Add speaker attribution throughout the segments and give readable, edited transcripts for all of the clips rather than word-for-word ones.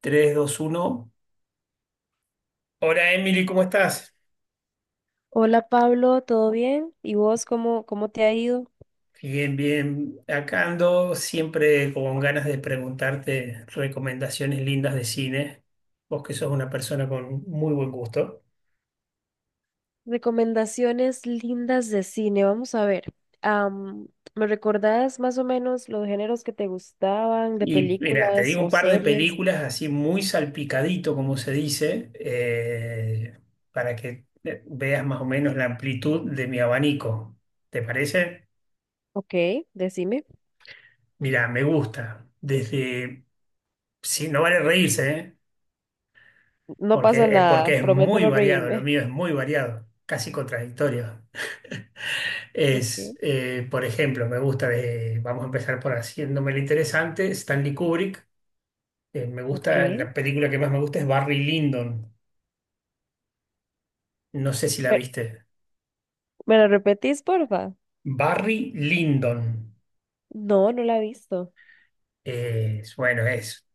Speaker 1: Tres, dos, uno. Hola Emily, ¿cómo estás?
Speaker 2: Hola Pablo, ¿todo bien? ¿Y vos cómo te ha ido?
Speaker 1: Bien, bien. Acá ando siempre con ganas de preguntarte recomendaciones lindas de cine. Vos que sos una persona con muy buen gusto.
Speaker 2: Recomendaciones lindas de cine, vamos a ver. am, ¿Me recordás más o menos los géneros que te gustaban de
Speaker 1: Y mira, te
Speaker 2: películas
Speaker 1: digo un
Speaker 2: o
Speaker 1: par de
Speaker 2: series?
Speaker 1: películas así muy salpicadito, como se dice, para que veas más o menos la amplitud de mi abanico. ¿Te parece?
Speaker 2: Ok, decime.
Speaker 1: Mira, me gusta. Desde... Sí, no vale reírse, ¿eh?
Speaker 2: No pasa
Speaker 1: porque, eh,
Speaker 2: nada,
Speaker 1: porque es
Speaker 2: prometo
Speaker 1: muy
Speaker 2: no
Speaker 1: variado, lo
Speaker 2: reírme.
Speaker 1: mío es muy variado, casi contradictorio.
Speaker 2: Ok,
Speaker 1: Por ejemplo, me gusta vamos a empezar por haciéndome lo interesante, Stanley Kubrick. Me
Speaker 2: ok.
Speaker 1: gusta, la película que más me gusta es Barry Lyndon, no sé si la
Speaker 2: Pero,
Speaker 1: viste.
Speaker 2: ¿me lo repetís, porfa?
Speaker 1: Barry Lyndon,
Speaker 2: No la he visto.
Speaker 1: bueno,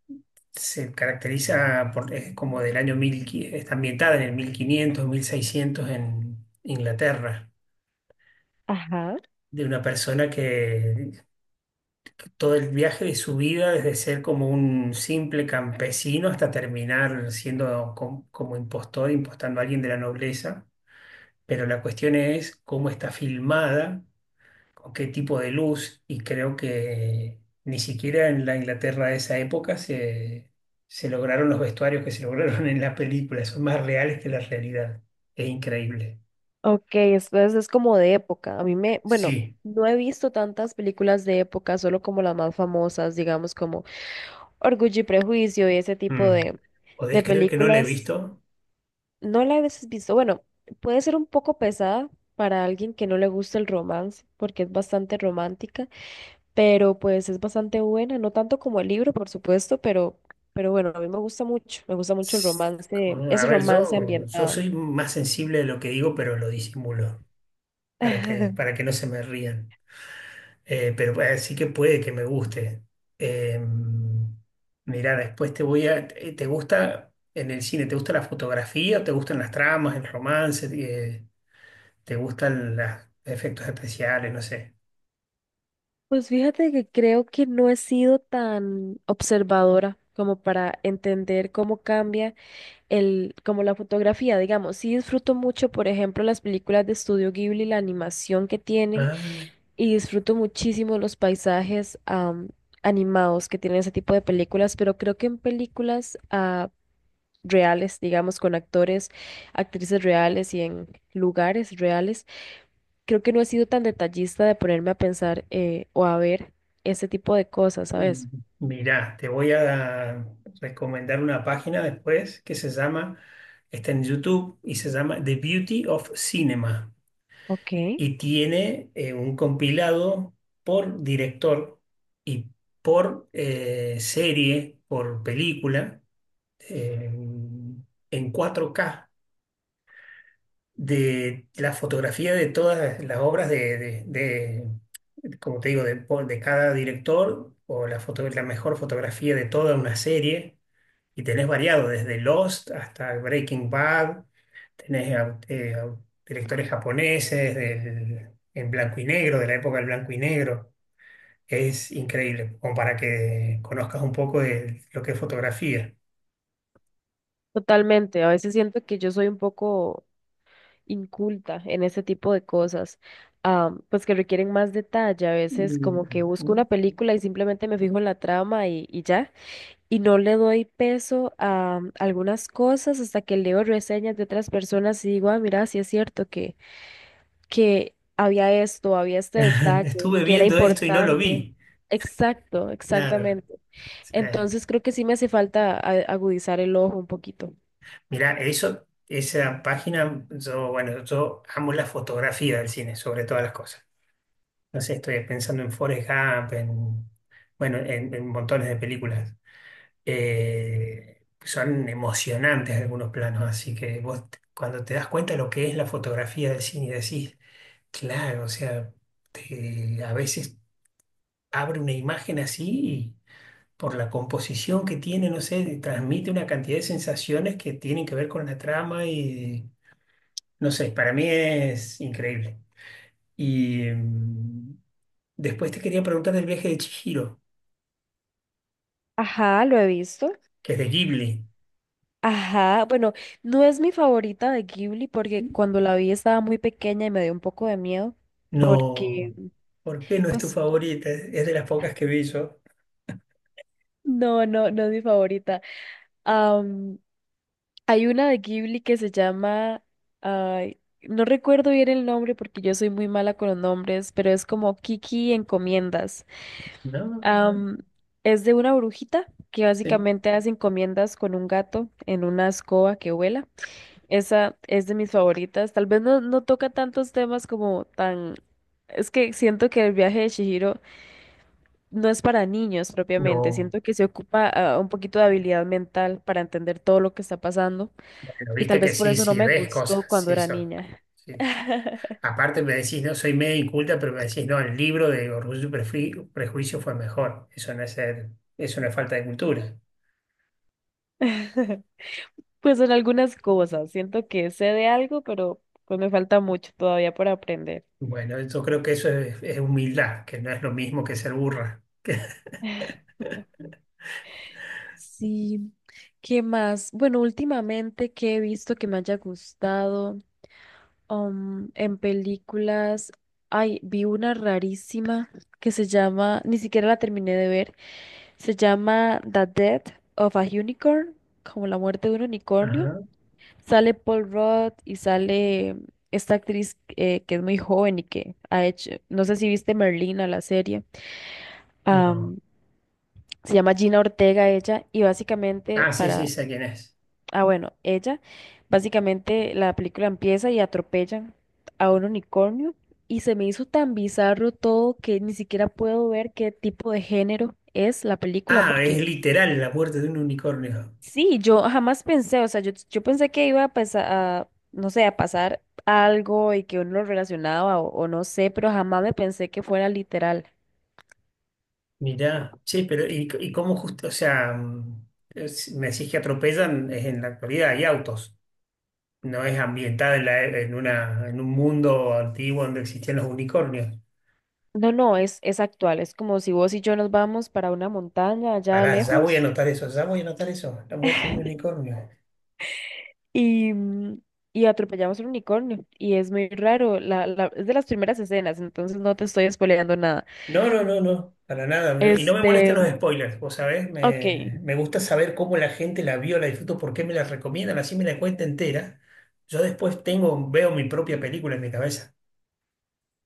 Speaker 1: se caracteriza por, es como del año 1000, está ambientada en el 1500 1600 en Inglaterra,
Speaker 2: Ajá.
Speaker 1: de una persona que todo el viaje de su vida, desde ser como un simple campesino hasta terminar siendo como impostor, impostando a alguien de la nobleza. Pero la cuestión es cómo está filmada, con qué tipo de luz, y creo que ni siquiera en la Inglaterra de esa época se, lograron los vestuarios que se lograron en la película, son más reales que la realidad. Es increíble.
Speaker 2: Ok, entonces es como de época. A mí me, bueno,
Speaker 1: Sí.
Speaker 2: no he visto tantas películas de época, solo como las más famosas, digamos como Orgullo y Prejuicio y ese tipo
Speaker 1: Mm. ¿Podés
Speaker 2: de
Speaker 1: creer que no la he
Speaker 2: películas,
Speaker 1: visto?
Speaker 2: no la has visto. Bueno, puede ser un poco pesada para alguien que no le gusta el romance, porque es bastante romántica, pero pues es bastante buena, no tanto como el libro, por supuesto, pero bueno, a mí me gusta mucho el romance,
Speaker 1: A
Speaker 2: ese
Speaker 1: ver,
Speaker 2: romance
Speaker 1: yo
Speaker 2: ambientado.
Speaker 1: soy más sensible de lo que digo, pero lo disimulo para que, para que no se me rían. Pero sí que puede que me guste. Eh, Mirá, después te voy a... ¿Te gusta en el cine? ¿Te gusta la fotografía? ¿Te gustan las tramas, el romance? ¿Te gustan los efectos especiales? No sé.
Speaker 2: Pues fíjate que creo que no he sido tan observadora como para entender cómo cambia el, como la fotografía, digamos, sí disfruto mucho, por ejemplo, las películas de Estudio Ghibli, la animación que tienen,
Speaker 1: Ah.
Speaker 2: y disfruto muchísimo los paisajes, animados, que tienen ese tipo de películas. Pero creo que en películas reales, digamos, con actores, actrices reales y en lugares reales, creo que no he sido tan detallista de ponerme a pensar o a ver ese tipo de cosas, ¿sabes?
Speaker 1: Mirá, te voy a recomendar una página después que se llama, está en YouTube y se llama The Beauty of Cinema
Speaker 2: Ok.
Speaker 1: y tiene un compilado por director y por serie, por película, eh, en 4K de la fotografía de todas las obras de, como te digo, de, de cada director o la foto, la mejor fotografía de toda una serie y tenés variado desde Lost hasta Breaking Bad, tenés directores japoneses del, en blanco y negro, de la época del blanco y negro. Es increíble, como para que conozcas un poco de lo que es fotografía.
Speaker 2: Totalmente, a veces siento que yo soy un poco inculta en ese tipo de cosas, pues que requieren más detalle. A veces como que busco
Speaker 1: Mm.
Speaker 2: una película y simplemente me fijo en la trama y ya, y no le doy peso a algunas cosas hasta que leo reseñas de otras personas y digo, ah, mira, sí es cierto que había esto, había este detalle,
Speaker 1: Estuve
Speaker 2: que era
Speaker 1: viendo esto y no lo
Speaker 2: importante.
Speaker 1: vi.
Speaker 2: Exacto,
Speaker 1: Claro.
Speaker 2: exactamente.
Speaker 1: Sí.
Speaker 2: Entonces creo que sí me hace falta agudizar el ojo un poquito.
Speaker 1: Mirá, eso, esa página, yo, bueno, yo amo la fotografía del cine, sobre todas las cosas. No sé, estoy pensando en Forrest Gump, en, bueno, en montones de películas. Son emocionantes algunos planos, así que vos, cuando te das cuenta lo que es la fotografía del cine, decís, claro, o sea, a veces abre una imagen así y por la composición que tiene, no sé, transmite una cantidad de sensaciones que tienen que ver con la trama y no sé, para mí es increíble. Y después te quería preguntar del viaje de Chihiro,
Speaker 2: Ajá, lo he visto.
Speaker 1: que es de Ghibli.
Speaker 2: Ajá, bueno, no es mi favorita de Ghibli porque cuando la vi estaba muy pequeña y me dio un poco de miedo
Speaker 1: No,
Speaker 2: porque,
Speaker 1: ¿por qué no es tu
Speaker 2: pues,
Speaker 1: favorita? Es de las pocas que vi yo.
Speaker 2: no es mi favorita. Am, Hay una de Ghibli que se llama, ay, no recuerdo bien el nombre porque yo soy muy mala con los nombres, pero es como Kiki Encomiendas.
Speaker 1: No, no,
Speaker 2: Am, es de una brujita que
Speaker 1: sí.
Speaker 2: básicamente hace encomiendas con un gato en una escoba que vuela. Esa es de mis favoritas. Tal vez no toca tantos temas como tan... Es que siento que el viaje de Chihiro no es para niños propiamente.
Speaker 1: No,
Speaker 2: Siento que se ocupa un poquito de habilidad mental para entender todo lo que está pasando.
Speaker 1: bueno,
Speaker 2: Y tal
Speaker 1: viste que
Speaker 2: vez por
Speaker 1: sí,
Speaker 2: eso no
Speaker 1: sí,
Speaker 2: me
Speaker 1: ves cosas,
Speaker 2: gustó cuando
Speaker 1: sí,
Speaker 2: era
Speaker 1: son.
Speaker 2: niña.
Speaker 1: Sí. Aparte me decís, no, soy medio inculta, pero me decís, no, el libro de Orgullo y Prejuicio fue mejor. Eso no es ser, eso no es falta de cultura.
Speaker 2: Pues en algunas cosas. Siento que sé de algo, pero pues me falta mucho todavía por aprender.
Speaker 1: Bueno, yo creo que eso es, humildad, que no es lo mismo que ser burra.
Speaker 2: Sí. ¿Qué más? Bueno, últimamente que he visto que me haya gustado. En películas, ay, vi una rarísima que se llama, ni siquiera la terminé de ver, se llama The Death of a Unicorn, como la muerte de un unicornio.
Speaker 1: Ajá,
Speaker 2: Sale Paul Rudd y sale esta actriz que es muy joven y que ha hecho, no sé si viste Merlina, la serie.
Speaker 1: no.
Speaker 2: Am, Se llama Gina Ortega ella y básicamente,
Speaker 1: Ah, sí, sí,
Speaker 2: para.
Speaker 1: sé quién es.
Speaker 2: Ah, bueno, ella, básicamente la película empieza y atropellan a un unicornio y se me hizo tan bizarro todo que ni siquiera puedo ver qué tipo de género es la película
Speaker 1: Ah, es
Speaker 2: porque
Speaker 1: literal la muerte de un unicornio.
Speaker 2: sí, yo jamás pensé, o sea, yo pensé que iba a pasar, a, no sé, a pasar algo y que uno lo relacionaba o no sé, pero jamás me pensé que fuera literal.
Speaker 1: Mirá, sí, pero ¿y cómo justo? O sea, me decís que atropellan, es en la actualidad, hay autos. No es ambientada en, la e- en una, en un mundo antiguo donde existían los unicornios.
Speaker 2: No, no, es actual, es como si vos y yo nos vamos para una montaña allá
Speaker 1: Pará, ya voy a
Speaker 2: lejos.
Speaker 1: anotar eso, ya voy a anotar eso, la muerte de un unicornio.
Speaker 2: Y, y atropellamos un unicornio. Y es muy raro. La- es de las primeras escenas, entonces no te estoy spoileando nada.
Speaker 1: No, no, no, no, para nada. No, y no me molestan los
Speaker 2: Este,
Speaker 1: spoilers, vos sabés,
Speaker 2: ok,
Speaker 1: me gusta saber cómo la gente la vio, la disfruto, por qué me la recomiendan, así me la cuenta entera. Yo después tengo, veo mi propia película en mi cabeza.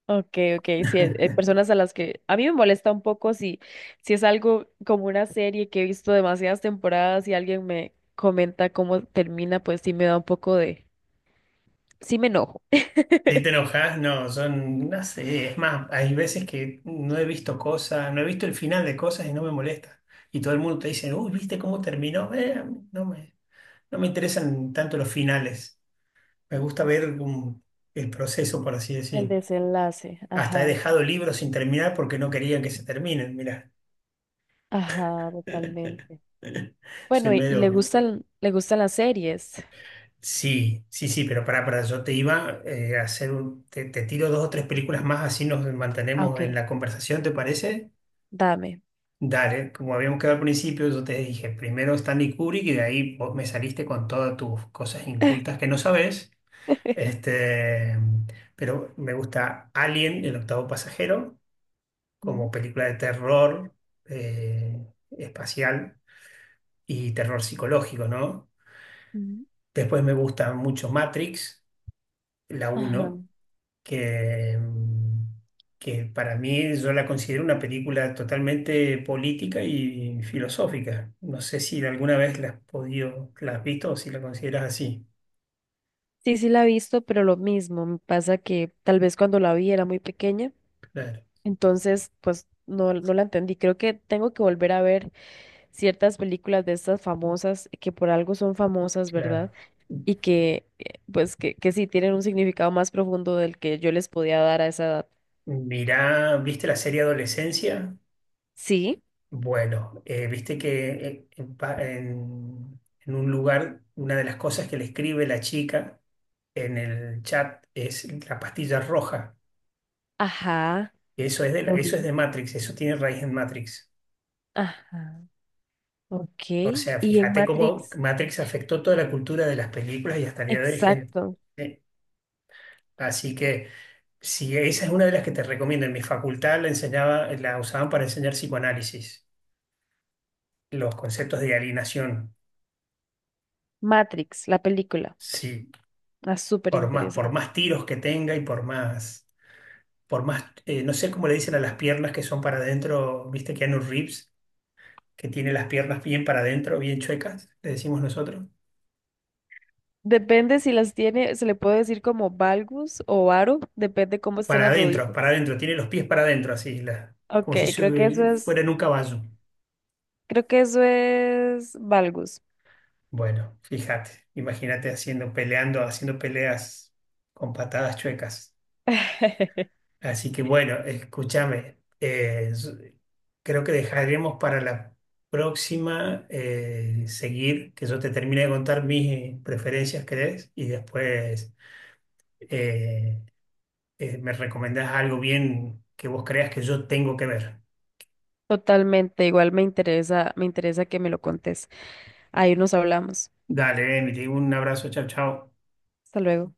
Speaker 2: ok, ok. Sí, hay personas a las que a mí me molesta un poco si, si es algo como una serie que he visto demasiadas temporadas y alguien me comenta cómo termina, pues sí me da un poco de, sí me enojo.
Speaker 1: Si te enojas, no, son, no sé, es más, hay veces que no he visto cosas, no he visto el final de cosas y no me molesta. Y todo el mundo te dice, uy, ¿viste cómo terminó? A mí no me interesan tanto los finales. Me gusta ver el proceso, por así
Speaker 2: El
Speaker 1: decir.
Speaker 2: desenlace,
Speaker 1: Hasta he
Speaker 2: ajá,
Speaker 1: dejado libros sin terminar porque no querían que se terminen, mirá.
Speaker 2: ajá, totalmente.
Speaker 1: Soy
Speaker 2: Bueno, y
Speaker 1: medio...
Speaker 2: le gustan las series.
Speaker 1: Sí, sí, sí, pero para yo te iba a hacer un... Te tiro dos o tres películas más, así nos
Speaker 2: Ah,
Speaker 1: mantenemos en
Speaker 2: ok,
Speaker 1: la conversación, ¿te parece?
Speaker 2: dame.
Speaker 1: Dale, como habíamos quedado al principio, yo te dije, primero Stanley Kubrick y de ahí vos me saliste con todas tus cosas incultas que no sabés. Este, pero me gusta Alien, el octavo pasajero,
Speaker 2: Ujú,
Speaker 1: como película de terror eh, espacial y terror psicológico, ¿no?
Speaker 2: ujú.
Speaker 1: Después me gusta mucho Matrix, la
Speaker 2: Ajá.
Speaker 1: uno que, mm, que para mí yo la considero una película totalmente política y filosófica. No sé si alguna vez la has podido, la has visto o si la consideras así.
Speaker 2: Sí, sí la he visto, pero lo mismo, me pasa que tal vez cuando la vi era muy pequeña,
Speaker 1: Claro,
Speaker 2: entonces pues no, no la entendí. Creo que tengo que volver a ver ciertas películas de estas famosas que por algo son famosas, ¿verdad?
Speaker 1: claro.
Speaker 2: Y que pues que sí tienen un significado más profundo del que yo les podía dar a esa edad.
Speaker 1: Mirá, ¿viste la serie Adolescencia?
Speaker 2: Sí,
Speaker 1: Bueno, viste que en un lugar, una de las cosas que le escribe la chica en el chat es la pastilla roja.
Speaker 2: ajá,
Speaker 1: Eso es de, la-
Speaker 2: lo
Speaker 1: eso es de
Speaker 2: vi.
Speaker 1: Matrix, eso tiene raíz en Matrix.
Speaker 2: Ajá, ok.
Speaker 1: O sea,
Speaker 2: Y en
Speaker 1: fíjate cómo
Speaker 2: Matrix,
Speaker 1: Matrix afectó toda la cultura de las películas y hasta el día de hoy hay gente.
Speaker 2: exacto,
Speaker 1: eh, Así que si esa es una de las que te recomiendo, en mi facultad la enseñaba, la usaban para enseñar psicoanálisis, los conceptos de alienación.
Speaker 2: Matrix, la película.
Speaker 1: Sí,
Speaker 2: Ah, súper
Speaker 1: por más, por
Speaker 2: interesante.
Speaker 1: más tiros que tenga y no sé cómo le dicen a las piernas que son para adentro, viste Keanu Reeves, que tiene las piernas bien para adentro, bien chuecas, le decimos nosotros.
Speaker 2: Depende si las tiene, se le puede decir como valgus o varo, depende cómo están las
Speaker 1: Para
Speaker 2: rodillas.
Speaker 1: adentro, tiene los pies para adentro, así,
Speaker 2: Ok,
Speaker 1: como si
Speaker 2: creo que eso es,
Speaker 1: fueran un caballo.
Speaker 2: creo que eso es valgus.
Speaker 1: Bueno, fíjate, imagínate haciendo, peleando, haciendo peleas con patadas chuecas. Así que bueno, escúchame, creo que dejaremos para la próxima seguir, que yo te termine de contar mis preferencias, ¿crees? Y después eh, me recomendás algo bien que vos creas que yo tengo que ver.
Speaker 2: Totalmente, igual me interesa que me lo contes. Ahí nos hablamos.
Speaker 1: Dale, Emily, un abrazo, chao, chao.
Speaker 2: Hasta luego.